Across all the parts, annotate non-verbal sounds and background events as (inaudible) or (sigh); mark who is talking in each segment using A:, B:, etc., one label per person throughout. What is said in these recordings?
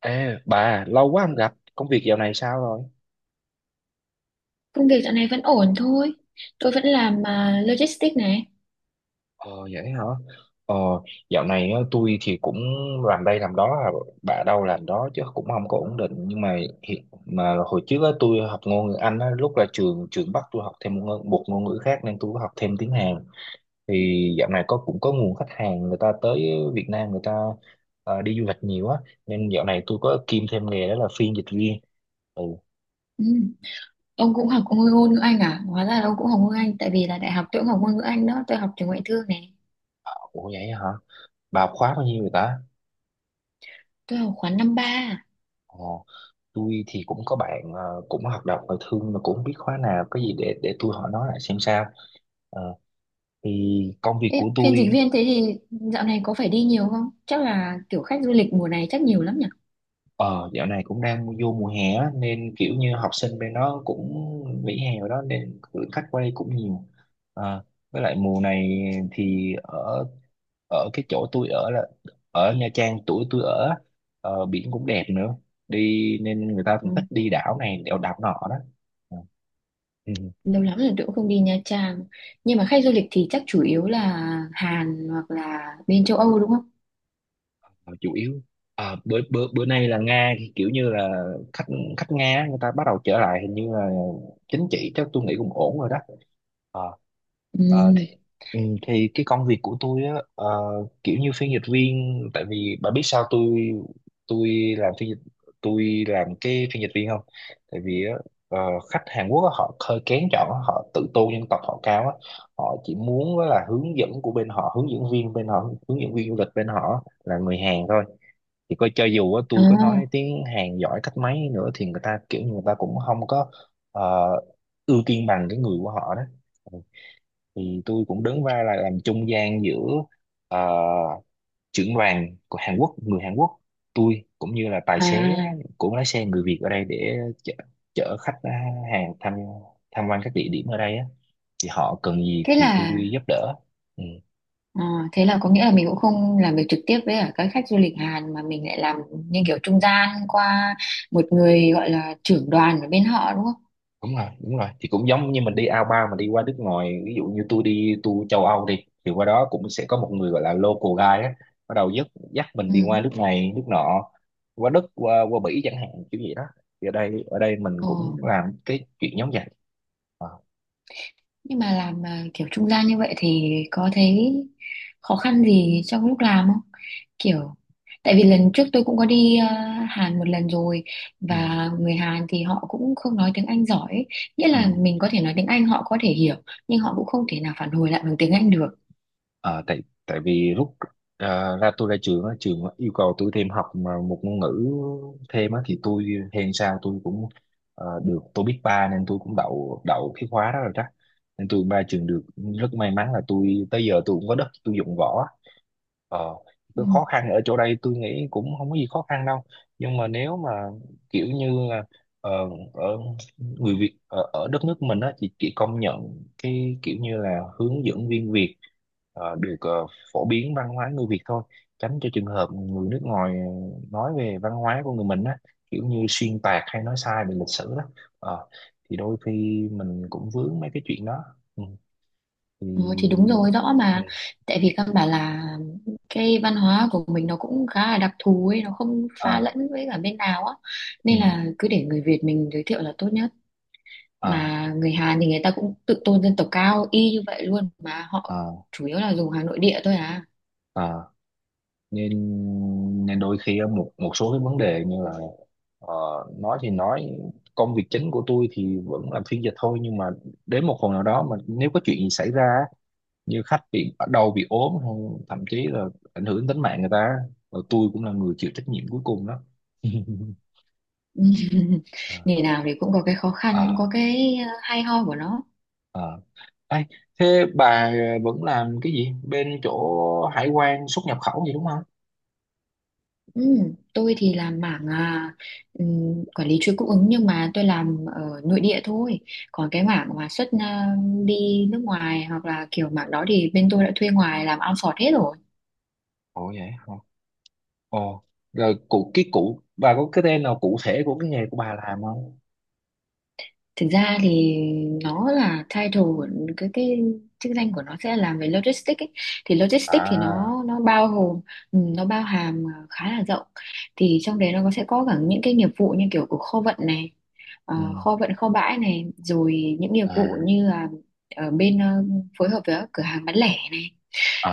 A: Ê, bà, lâu quá không gặp, công việc dạo này sao rồi?
B: Công việc dạo này vẫn ổn thôi. Tôi vẫn làm logistics này.
A: Ờ, vậy hả? Ờ, dạo này á, tôi thì cũng làm đây làm đó, bà đâu làm đó chứ cũng không có ổn định. Nhưng mà hồi trước á, tôi học ngôn ngữ Anh á, lúc là trường trường bắt tôi học thêm một ngôn ngữ khác nên tôi có học thêm tiếng Hàn. Thì dạo này có nguồn khách hàng người ta tới Việt Nam người ta đi du lịch nhiều á, nên dạo này tôi có kiêm thêm nghề đó là phiên dịch viên. Ừ,
B: Ừ. Ông cũng học ngôn ngôn ngữ Anh à? Hóa ra là ông cũng học ngôn ngữ Anh tại vì là đại học tôi cũng học ngôn ngữ Anh đó. Tôi học trường ngoại thương này.
A: ủa vậy hả? Bà học khóa bao nhiêu rồi ta?
B: Tôi học khóa năm ba. À.
A: Ờ. Tôi thì cũng có bạn cũng hoạt động ngoại thương mà cũng không biết khóa nào có gì để tôi hỏi nó lại xem sao. Ờ, thì công việc của
B: Ê, phiên dịch
A: tôi
B: viên thế thì dạo này có phải đi nhiều không? Chắc là kiểu khách du lịch mùa này chắc nhiều lắm nhỉ?
A: ờ, dạo này cũng đang vô mùa hè á, nên kiểu như học sinh bên đó cũng nghỉ hè rồi đó nên lượng khách qua đây cũng nhiều. Ờ, với lại mùa này thì ở ở cái chỗ tôi ở là ở Nha Trang tuổi tôi ở á, biển cũng đẹp nữa đi nên người ta
B: Ừ.
A: cũng thích đi đảo này đèo đảo nọ đó. Ừ.
B: Lâu lắm rồi tôi cũng không đi Nha Trang. Nhưng mà khách du lịch thì chắc chủ yếu là Hàn hoặc là bên châu Âu đúng không?
A: Ờ, chủ yếu. Ờ, bữa bữa bữa nay là Nga thì kiểu như là khách khách Nga á, người ta bắt đầu trở lại, hình như là chính trị chắc tôi nghĩ cũng ổn rồi đó. Ờ, ờ, thì,
B: Ừ.
A: ừ, thì cái công việc của tôi á, kiểu như phiên dịch viên, tại vì bà biết sao tôi làm phiên dịch, tôi làm cái phiên dịch viên không, tại vì á, ờ, khách Hàn Quốc á, họ hơi kén chọn á, họ tự tôn dân tộc họ cao á, họ chỉ muốn á là hướng dẫn của bên họ, hướng dẫn viên bên họ, hướng dẫn viên du lịch bên họ là người Hàn thôi. Thì coi cho dù á,
B: Ồ.
A: tôi có nói tiếng Hàn giỏi cách mấy nữa thì người ta cũng không có ờ, ưu tiên bằng cái người của họ đó. Ừ. Thì tôi cũng đứng vai là làm trung gian giữa ờ, trưởng đoàn của Hàn Quốc, người Hàn Quốc, tôi cũng như là tài xế
B: À.
A: của lái xe người Việt ở đây để chở, chở khách Hàn tham tham quan các địa điểm ở đây á, thì họ cần gì
B: Thế
A: thì tôi
B: là
A: giúp đỡ. Ừ.
B: Ờ, thế là có nghĩa là mình cũng không làm việc trực tiếp với cả các khách du lịch Hàn mà mình lại làm như kiểu trung gian qua một người gọi là trưởng đoàn ở bên họ đúng không?
A: Đúng rồi, đúng rồi, thì cũng giống như mình đi ao bao mà đi qua nước ngoài, ví dụ như tôi đi tour châu Âu đi thì qua đó cũng sẽ có một người gọi là local guide á, bắt đầu dắt dắt mình đi qua
B: Ừ.
A: nước này nước nọ, qua Đức qua qua Bỉ chẳng hạn, kiểu vậy đó. Thì ở đây mình
B: Ờ,
A: cũng làm cái chuyện giống vậy. Ờ.
B: nhưng mà làm kiểu trung gian như vậy thì có thấy khó khăn gì trong lúc làm không? Kiểu tại vì lần trước tôi cũng có đi Hàn một lần rồi
A: Ừ.
B: và người Hàn thì họ cũng không nói tiếng Anh giỏi ấy. Nghĩa
A: Ừ.
B: là mình có thể nói tiếng Anh họ có thể hiểu nhưng họ cũng không thể nào phản hồi lại bằng tiếng Anh được.
A: Ờ, tại tại vì lúc ra, tôi ra trường á, trường yêu cầu tôi thêm học mà một ngôn ngữ thêm á thì tôi, hèn sao tôi cũng được, tôi biết ba nên tôi cũng đậu đậu cái khóa đó rồi chắc, nên tôi ba trường được. Rất may mắn là tôi tới giờ tôi cũng có đất tôi dụng võ. Ờ,
B: Ừ.
A: cái khó khăn ở chỗ đây tôi nghĩ cũng không có gì khó khăn đâu, nhưng mà nếu mà kiểu như là ờ, ở người Việt ở đất nước mình á thì chỉ công nhận cái kiểu như là hướng dẫn viên Việt được phổ biến văn hóa người Việt thôi, tránh cho trường hợp người nước ngoài nói về văn hóa của người mình á, kiểu như xuyên tạc hay nói sai về lịch sử đó. Ờ, thì đôi khi mình cũng vướng mấy cái chuyện đó. Ừ. Thì.
B: Ừ, thì đúng rồi rõ
A: Ừ.
B: mà, tại vì căn bản là cái văn hóa của mình nó cũng khá là đặc thù ấy, nó không pha
A: À.
B: lẫn với cả bên nào á,
A: Ừ.
B: nên là cứ để người Việt mình giới thiệu là tốt nhất,
A: À,
B: mà người Hàn thì người ta cũng tự tôn dân tộc cao y như vậy luôn mà họ
A: à,
B: chủ yếu là dùng hàng nội địa thôi à.
A: à, nên nên đôi khi á, một một số cái vấn đề như là ờ, nói thì nói, công việc chính của tôi thì vẫn làm phiên dịch thôi, nhưng mà đến một phần nào đó mà nếu có chuyện gì xảy ra á, như khách bị ở đầu bị ốm hay thậm chí là ảnh hưởng tính mạng người ta rồi, tôi cũng là người chịu trách nhiệm cuối cùng đó. (laughs)
B: (laughs)
A: à,
B: Nghề nào thì cũng có cái khó khăn cũng có
A: à,
B: cái hay ho của nó.
A: à. Ê, thế bà vẫn làm cái gì bên chỗ hải quan xuất nhập khẩu gì đúng không?
B: Ừ, tôi thì làm mảng quản lý chuỗi cung ứng nhưng mà tôi làm ở nội địa thôi. Còn cái mảng mà xuất đi nước ngoài hoặc là kiểu mảng đó thì bên tôi đã thuê ngoài làm outsource hết rồi.
A: Ồ vậy. Ồ, rồi cụ cái cụ bà có cái tên nào cụ thể của cái nghề của bà làm không?
B: Thực ra thì nó là title của cái chức danh của nó sẽ làm về logistics ấy. Thì logistics thì
A: À,
B: nó bao gồm, ừ, nó bao hàm khá là rộng. Thì trong đấy sẽ có cả những cái nghiệp vụ như kiểu của kho vận này,
A: ừ,
B: kho vận kho bãi này, rồi những nghiệp vụ
A: à,
B: như là ở bên, phối hợp với các cửa hàng bán lẻ này,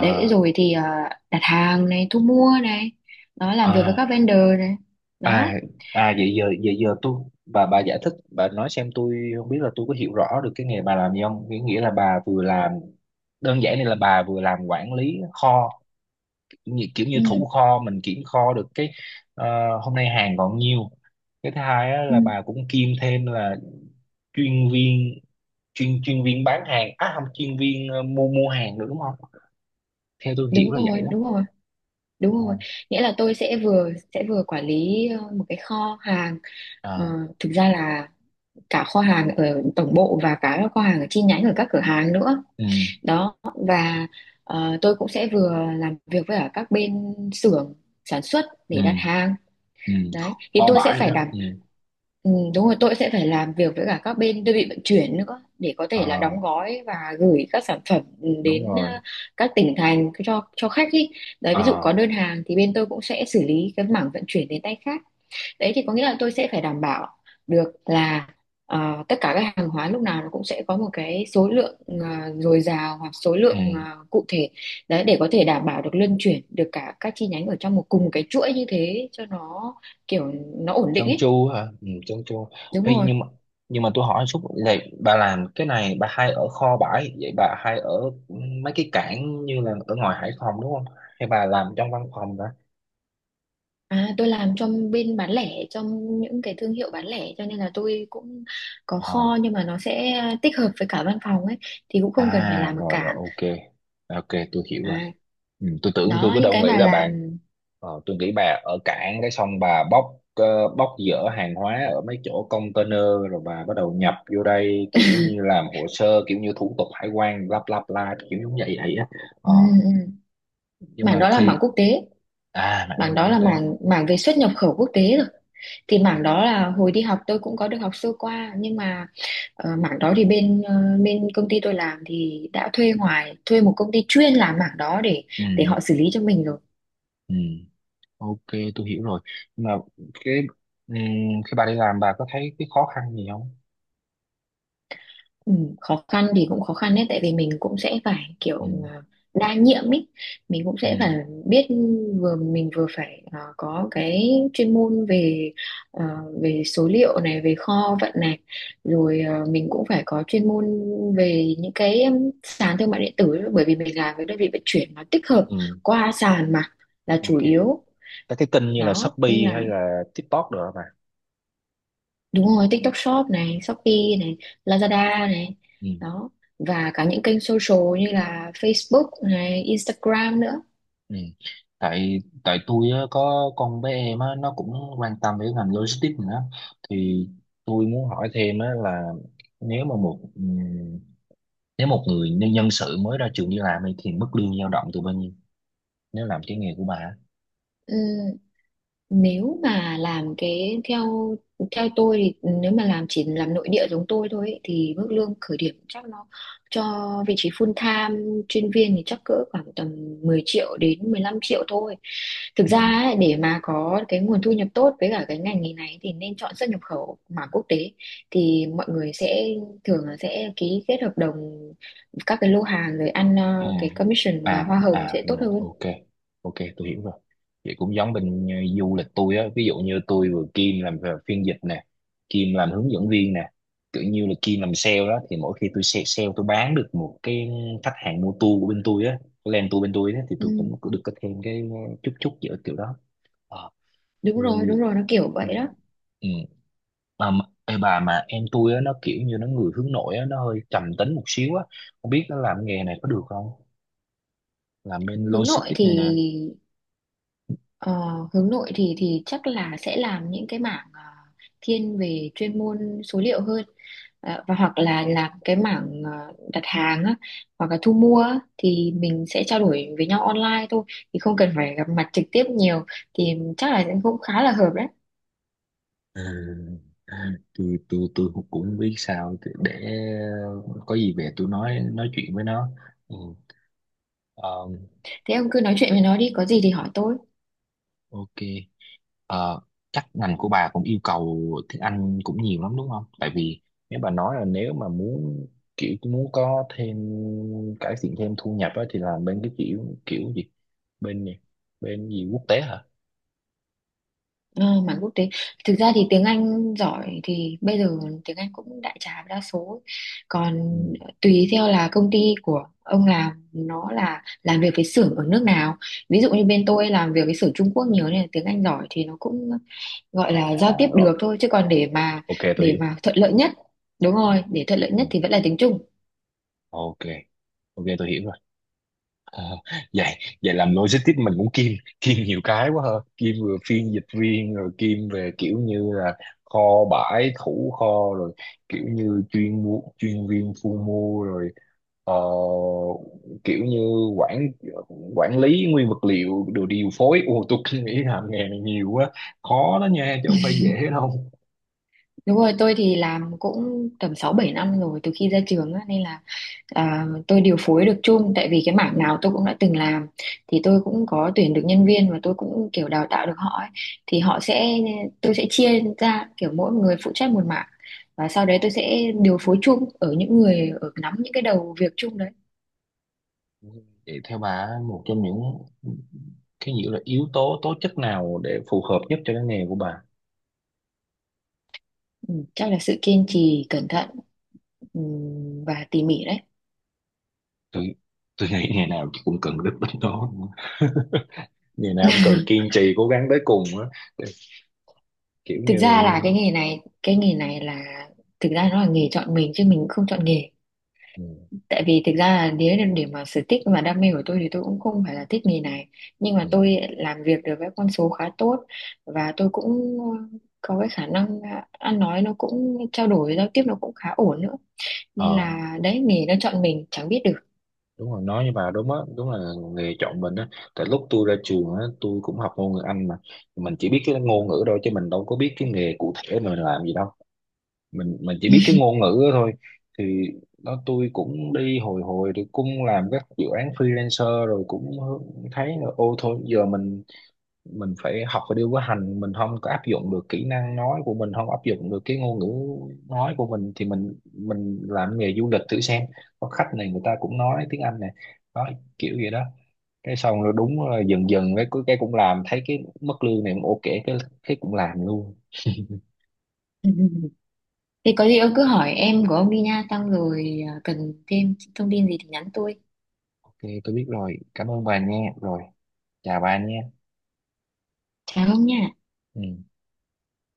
B: đấy rồi thì đặt hàng này, thu mua này, nó làm việc với
A: à,
B: các vendor này,
A: à,
B: đó.
A: à vậy giờ tôi, bà giải thích bà nói xem tôi không biết là tôi có hiểu rõ được cái nghề bà làm gì không? Nghĩa Nghĩa là bà vừa làm đơn giản này, là bà vừa làm quản lý kho, kiểu như, thủ
B: Ừ,
A: kho, mình kiểm kho được cái ờ, hôm nay hàng còn nhiêu. Cái thứ hai á,
B: ừ,
A: là bà cũng kiêm thêm là chuyên viên chuyên chuyên viên bán hàng, à không, chuyên viên mua mua hàng nữa đúng không, theo tôi hiểu
B: đúng
A: là vậy
B: rồi
A: đó.
B: đúng rồi
A: Ồ,
B: đúng rồi, nghĩa là tôi sẽ vừa quản lý một cái kho hàng. Ờ,
A: à,
B: Thực ra là cả kho hàng ở tổng bộ và cả kho hàng ở chi nhánh ở các cửa hàng nữa
A: ừ,
B: đó. Và tôi cũng sẽ vừa làm việc với cả các bên xưởng sản xuất
A: ừ,
B: để đặt hàng
A: ừ.
B: đấy. Thì
A: Kho
B: tôi sẽ
A: bãi rồi
B: phải
A: đó, ừ.
B: ừ, đúng rồi tôi sẽ phải làm việc với cả các bên đơn vị vận chuyển nữa để có thể là
A: Ờ,
B: đóng gói và gửi các sản phẩm
A: đúng
B: đến
A: rồi.
B: các tỉnh thành cho khách ý. Đấy ví dụ
A: Ờ,
B: có đơn hàng thì bên tôi cũng sẽ xử lý cái mảng vận chuyển đến tay khách. Đấy thì có nghĩa là tôi sẽ phải đảm bảo được là tất cả các hàng hóa lúc nào nó cũng sẽ có một cái số lượng dồi dào hoặc số
A: ừ.
B: lượng cụ thể. Đấy để có thể đảm bảo được luân chuyển được cả các chi nhánh ở trong một cùng một cái chuỗi như thế cho nó kiểu nó ổn định
A: Chân
B: ấy.
A: chu hả, ừ, chân chu.
B: Đúng
A: Ê,
B: rồi,
A: nhưng mà tôi hỏi chút, vậy bà làm cái này bà hay ở kho bãi, vậy bà hay ở mấy cái cảng như là ở ngoài Hải Phòng đúng không, hay bà làm trong văn phòng đó?
B: tôi làm trong bên bán lẻ trong những cái thương hiệu bán lẻ cho nên là tôi cũng có
A: Ờ.
B: kho nhưng mà nó sẽ tích hợp với cả văn phòng ấy. Thì cũng không cần phải
A: À
B: làm ở
A: rồi rồi,
B: cảng.
A: ok. Ok, tôi hiểu
B: À,
A: rồi. Ừ, tôi tưởng, tôi
B: đó
A: cứ
B: những
A: đâu
B: cái
A: nghĩ
B: mà
A: là bạn
B: làm,
A: tôi nghĩ bà ở cảng cái xong bà bóc bóc dỡ hàng hóa ở mấy chỗ container rồi bà bắt đầu nhập vô đây, kiểu như làm hồ sơ, kiểu như thủ tục hải quan lắp lắp la kiểu giống vậy vậy á. Ờ,
B: ừ, ừ.
A: nhưng
B: Mảng
A: mà
B: đó là mảng
A: khi
B: quốc tế.
A: à, mạng năng
B: Mảng
A: lượng
B: đó
A: quốc
B: là
A: tế.
B: mảng mảng về xuất nhập khẩu quốc tế rồi. Thì mảng đó là hồi đi học tôi cũng có được học sơ qua nhưng mà, mảng đó thì bên công ty tôi làm thì đã thuê ngoài, thuê một công ty chuyên làm mảng đó để
A: Ừ,
B: họ xử lý cho mình rồi.
A: ừ, ok tôi hiểu rồi. Nhưng mà cái ừ, khi bà đi làm bà có thấy cái khó khăn gì không?
B: Ừ, khó khăn thì cũng khó khăn đấy, tại vì mình cũng sẽ phải
A: Ừ,
B: kiểu ờ, đa nhiệm ý. Mình cũng sẽ phải
A: ừ,
B: biết, vừa mình vừa phải có cái chuyên môn về, ờ, về số liệu này, về kho vận này, rồi mình cũng phải có chuyên môn về những cái sàn thương mại điện tử, bởi vì mình làm với đơn vị vận chuyển nó tích hợp
A: ừ,
B: qua sàn mà là
A: ok.
B: chủ yếu
A: Các cái kênh như là
B: đó,
A: Shopee
B: nên là.
A: hay là TikTok được mà,
B: Đúng rồi, TikTok Shop này, Shopee này, Lazada này,
A: ừ.
B: đó. Và cả những kênh social như là Facebook này, Instagram nữa.
A: Ừ. tại tại tôi á, có con bé em á, nó cũng quan tâm đến ngành logistics nữa, thì tôi muốn hỏi thêm á, là nếu mà một nếu một người nhân nhân sự mới ra trường đi làm ấy, thì mức lương dao động từ bao nhiêu nếu làm cái nghề của bà á.
B: Ừ, nếu mà làm cái theo theo tôi thì nếu mà làm chỉ làm nội địa giống tôi thôi ấy, thì mức lương khởi điểm chắc nó, cho vị trí full time chuyên viên thì chắc cỡ khoảng tầm 10 triệu đến 15 triệu thôi. Thực
A: Ừ.
B: ra ấy, để mà có cái nguồn thu nhập tốt với cả cái ngành nghề này thì nên chọn xuất nhập khẩu mà quốc tế, thì mọi người sẽ thường là sẽ ký kết hợp đồng các cái lô hàng rồi ăn
A: Ừ.
B: cái commission và
A: À
B: hoa hồng
A: à
B: sẽ tốt
A: rồi
B: hơn.
A: ok, ok tôi hiểu rồi, vậy cũng giống bên du lịch tôi á, ví dụ như tôi vừa Kim làm về phiên dịch nè, Kim làm hướng dẫn viên nè, kiểu như là Kim làm sale đó, thì mỗi khi tôi sale, tôi bán được một cái, khách hàng mua tour của bên tôi á, cái land tour bên tôi á, thì tôi
B: Ừ,
A: cũng cũng được có thêm cái chút chút giữa kiểu đó. Ờ, thì
B: đúng rồi, nó kiểu
A: ừ,
B: vậy đó.
A: ừ. Mà- ê bà, mà em tôi á nó kiểu như nó người hướng nội á, nó hơi trầm tính một xíu á, không biết nó làm nghề này có được không, làm bên
B: Hướng nội
A: logistics
B: thì
A: này nè.
B: ờ, chắc là sẽ làm những cái mảng thiên về chuyên môn số liệu hơn. Và hoặc là làm cái mảng đặt hàng á, hoặc là thu mua á, thì mình sẽ trao đổi với nhau online thôi, thì không cần phải gặp mặt trực tiếp nhiều, thì chắc là cũng khá là hợp đấy.
A: À, à, tôi cũng cũng biết sao để có gì về tôi nói chuyện với nó, ừ. Ờ,
B: Thế ông cứ nói chuyện với nó đi, có gì thì hỏi tôi.
A: ok. Ờ, chắc ngành của bà cũng yêu cầu tiếng Anh cũng nhiều lắm đúng không, tại vì nếu bà nói là nếu mà muốn kiểu muốn có thêm, cải thiện thêm thu nhập á, thì làm bên cái kiểu kiểu gì, bên gì bên gì quốc tế hả,
B: Ờ, mảng quốc tế, thực ra thì tiếng Anh giỏi thì bây giờ tiếng Anh cũng đại trà đa số. Còn
A: ừ.
B: tùy theo là công ty của ông làm nó là làm việc với xưởng ở nước nào, ví dụ như bên tôi làm việc với xưởng Trung Quốc nhiều nên là tiếng Anh giỏi thì nó cũng gọi là
A: À
B: giao tiếp
A: rồi
B: được thôi, chứ còn để mà
A: ok tôi hiểu,
B: thuận lợi nhất, đúng
A: ừ.
B: rồi, để thuận lợi
A: Ừ.
B: nhất thì vẫn là tiếng Trung.
A: Ok, ok tôi hiểu. Ờ, vậy vậy làm logistics mình cũng kiêm kiêm nhiều cái quá ha, kiêm vừa phiên dịch viên rồi kiêm về kiểu như là kho bãi thủ kho, rồi kiểu như chuyên mua chuyên viên thu mua, rồi ờ, kiểu như quản quản lý nguyên vật liệu đồ điều phối, ô tôi cứ nghĩ làm nghề này nhiều quá, khó đó nha chứ không phải dễ đâu.
B: Đúng rồi, tôi thì làm cũng tầm 6 7 năm rồi từ khi ra trường á, nên là tôi điều phối được chung tại vì cái mảng nào tôi cũng đã từng làm. Thì tôi cũng có tuyển được nhân viên và tôi cũng kiểu đào tạo được họ ấy. Thì họ sẽ tôi sẽ chia ra kiểu mỗi người phụ trách một mảng và sau đấy tôi sẽ điều phối chung ở những người ở nắm những cái đầu việc chung đấy.
A: Vậy theo bà một trong những cái nghĩa là yếu tố tố chất nào để phù hợp nhất cho cái nghề của bà?
B: Chắc là sự kiên trì, cẩn thận, và tỉ mỉ đấy.
A: tôi tôi nghĩ ngày nào cũng cần đức tính đó, (laughs) ngày nào cũng cần kiên trì cố gắng tới cùng á, kiểu
B: Thực
A: như
B: ra là cái nghề này là, thực ra nó là nghề chọn mình chứ mình cũng không chọn nghề,
A: ừ,
B: tại vì thực ra là nếu để mà sở thích và đam mê của tôi thì tôi cũng không phải là thích nghề này, nhưng
A: ừ.
B: mà tôi làm việc được với con số khá tốt và tôi cũng có cái khả năng ăn nói nó cũng, trao đổi giao tiếp nó cũng khá ổn nữa, nên
A: Ờ
B: là đấy nghề nó chọn mình chẳng biết được.
A: đúng rồi, nói như bà đúng á, đúng là nghề chọn mình á, tại lúc tôi ra trường á tôi cũng học ngôn ngữ Anh mà, mình chỉ biết cái ngôn ngữ thôi chứ mình đâu có biết cái nghề cụ thể mình làm gì đâu, mình chỉ biết cái ngôn ngữ đó thôi. Thì đó tôi cũng đi hồi hồi thì cũng làm các dự án freelancer rồi cũng thấy là ô thôi giờ mình phải học và điều có hành, mình không có áp dụng được kỹ năng nói của mình, không áp dụng được cái ngôn ngữ nói của mình thì mình làm nghề du lịch thử xem, có khách này người ta cũng nói tiếng Anh này, đó, kiểu gì đó, cái xong rồi đúng là dần dần cái cũng làm thấy cái mức lương này cũng ok, cái cũng làm luôn.
B: (laughs) Thì có gì ông cứ hỏi em của ông đi nha, xong rồi cần thêm thông tin gì thì nhắn tôi.
A: Ok tôi biết rồi, cảm ơn bà nha, rồi, chào bà nha.
B: Chào ông nha.
A: Ừ.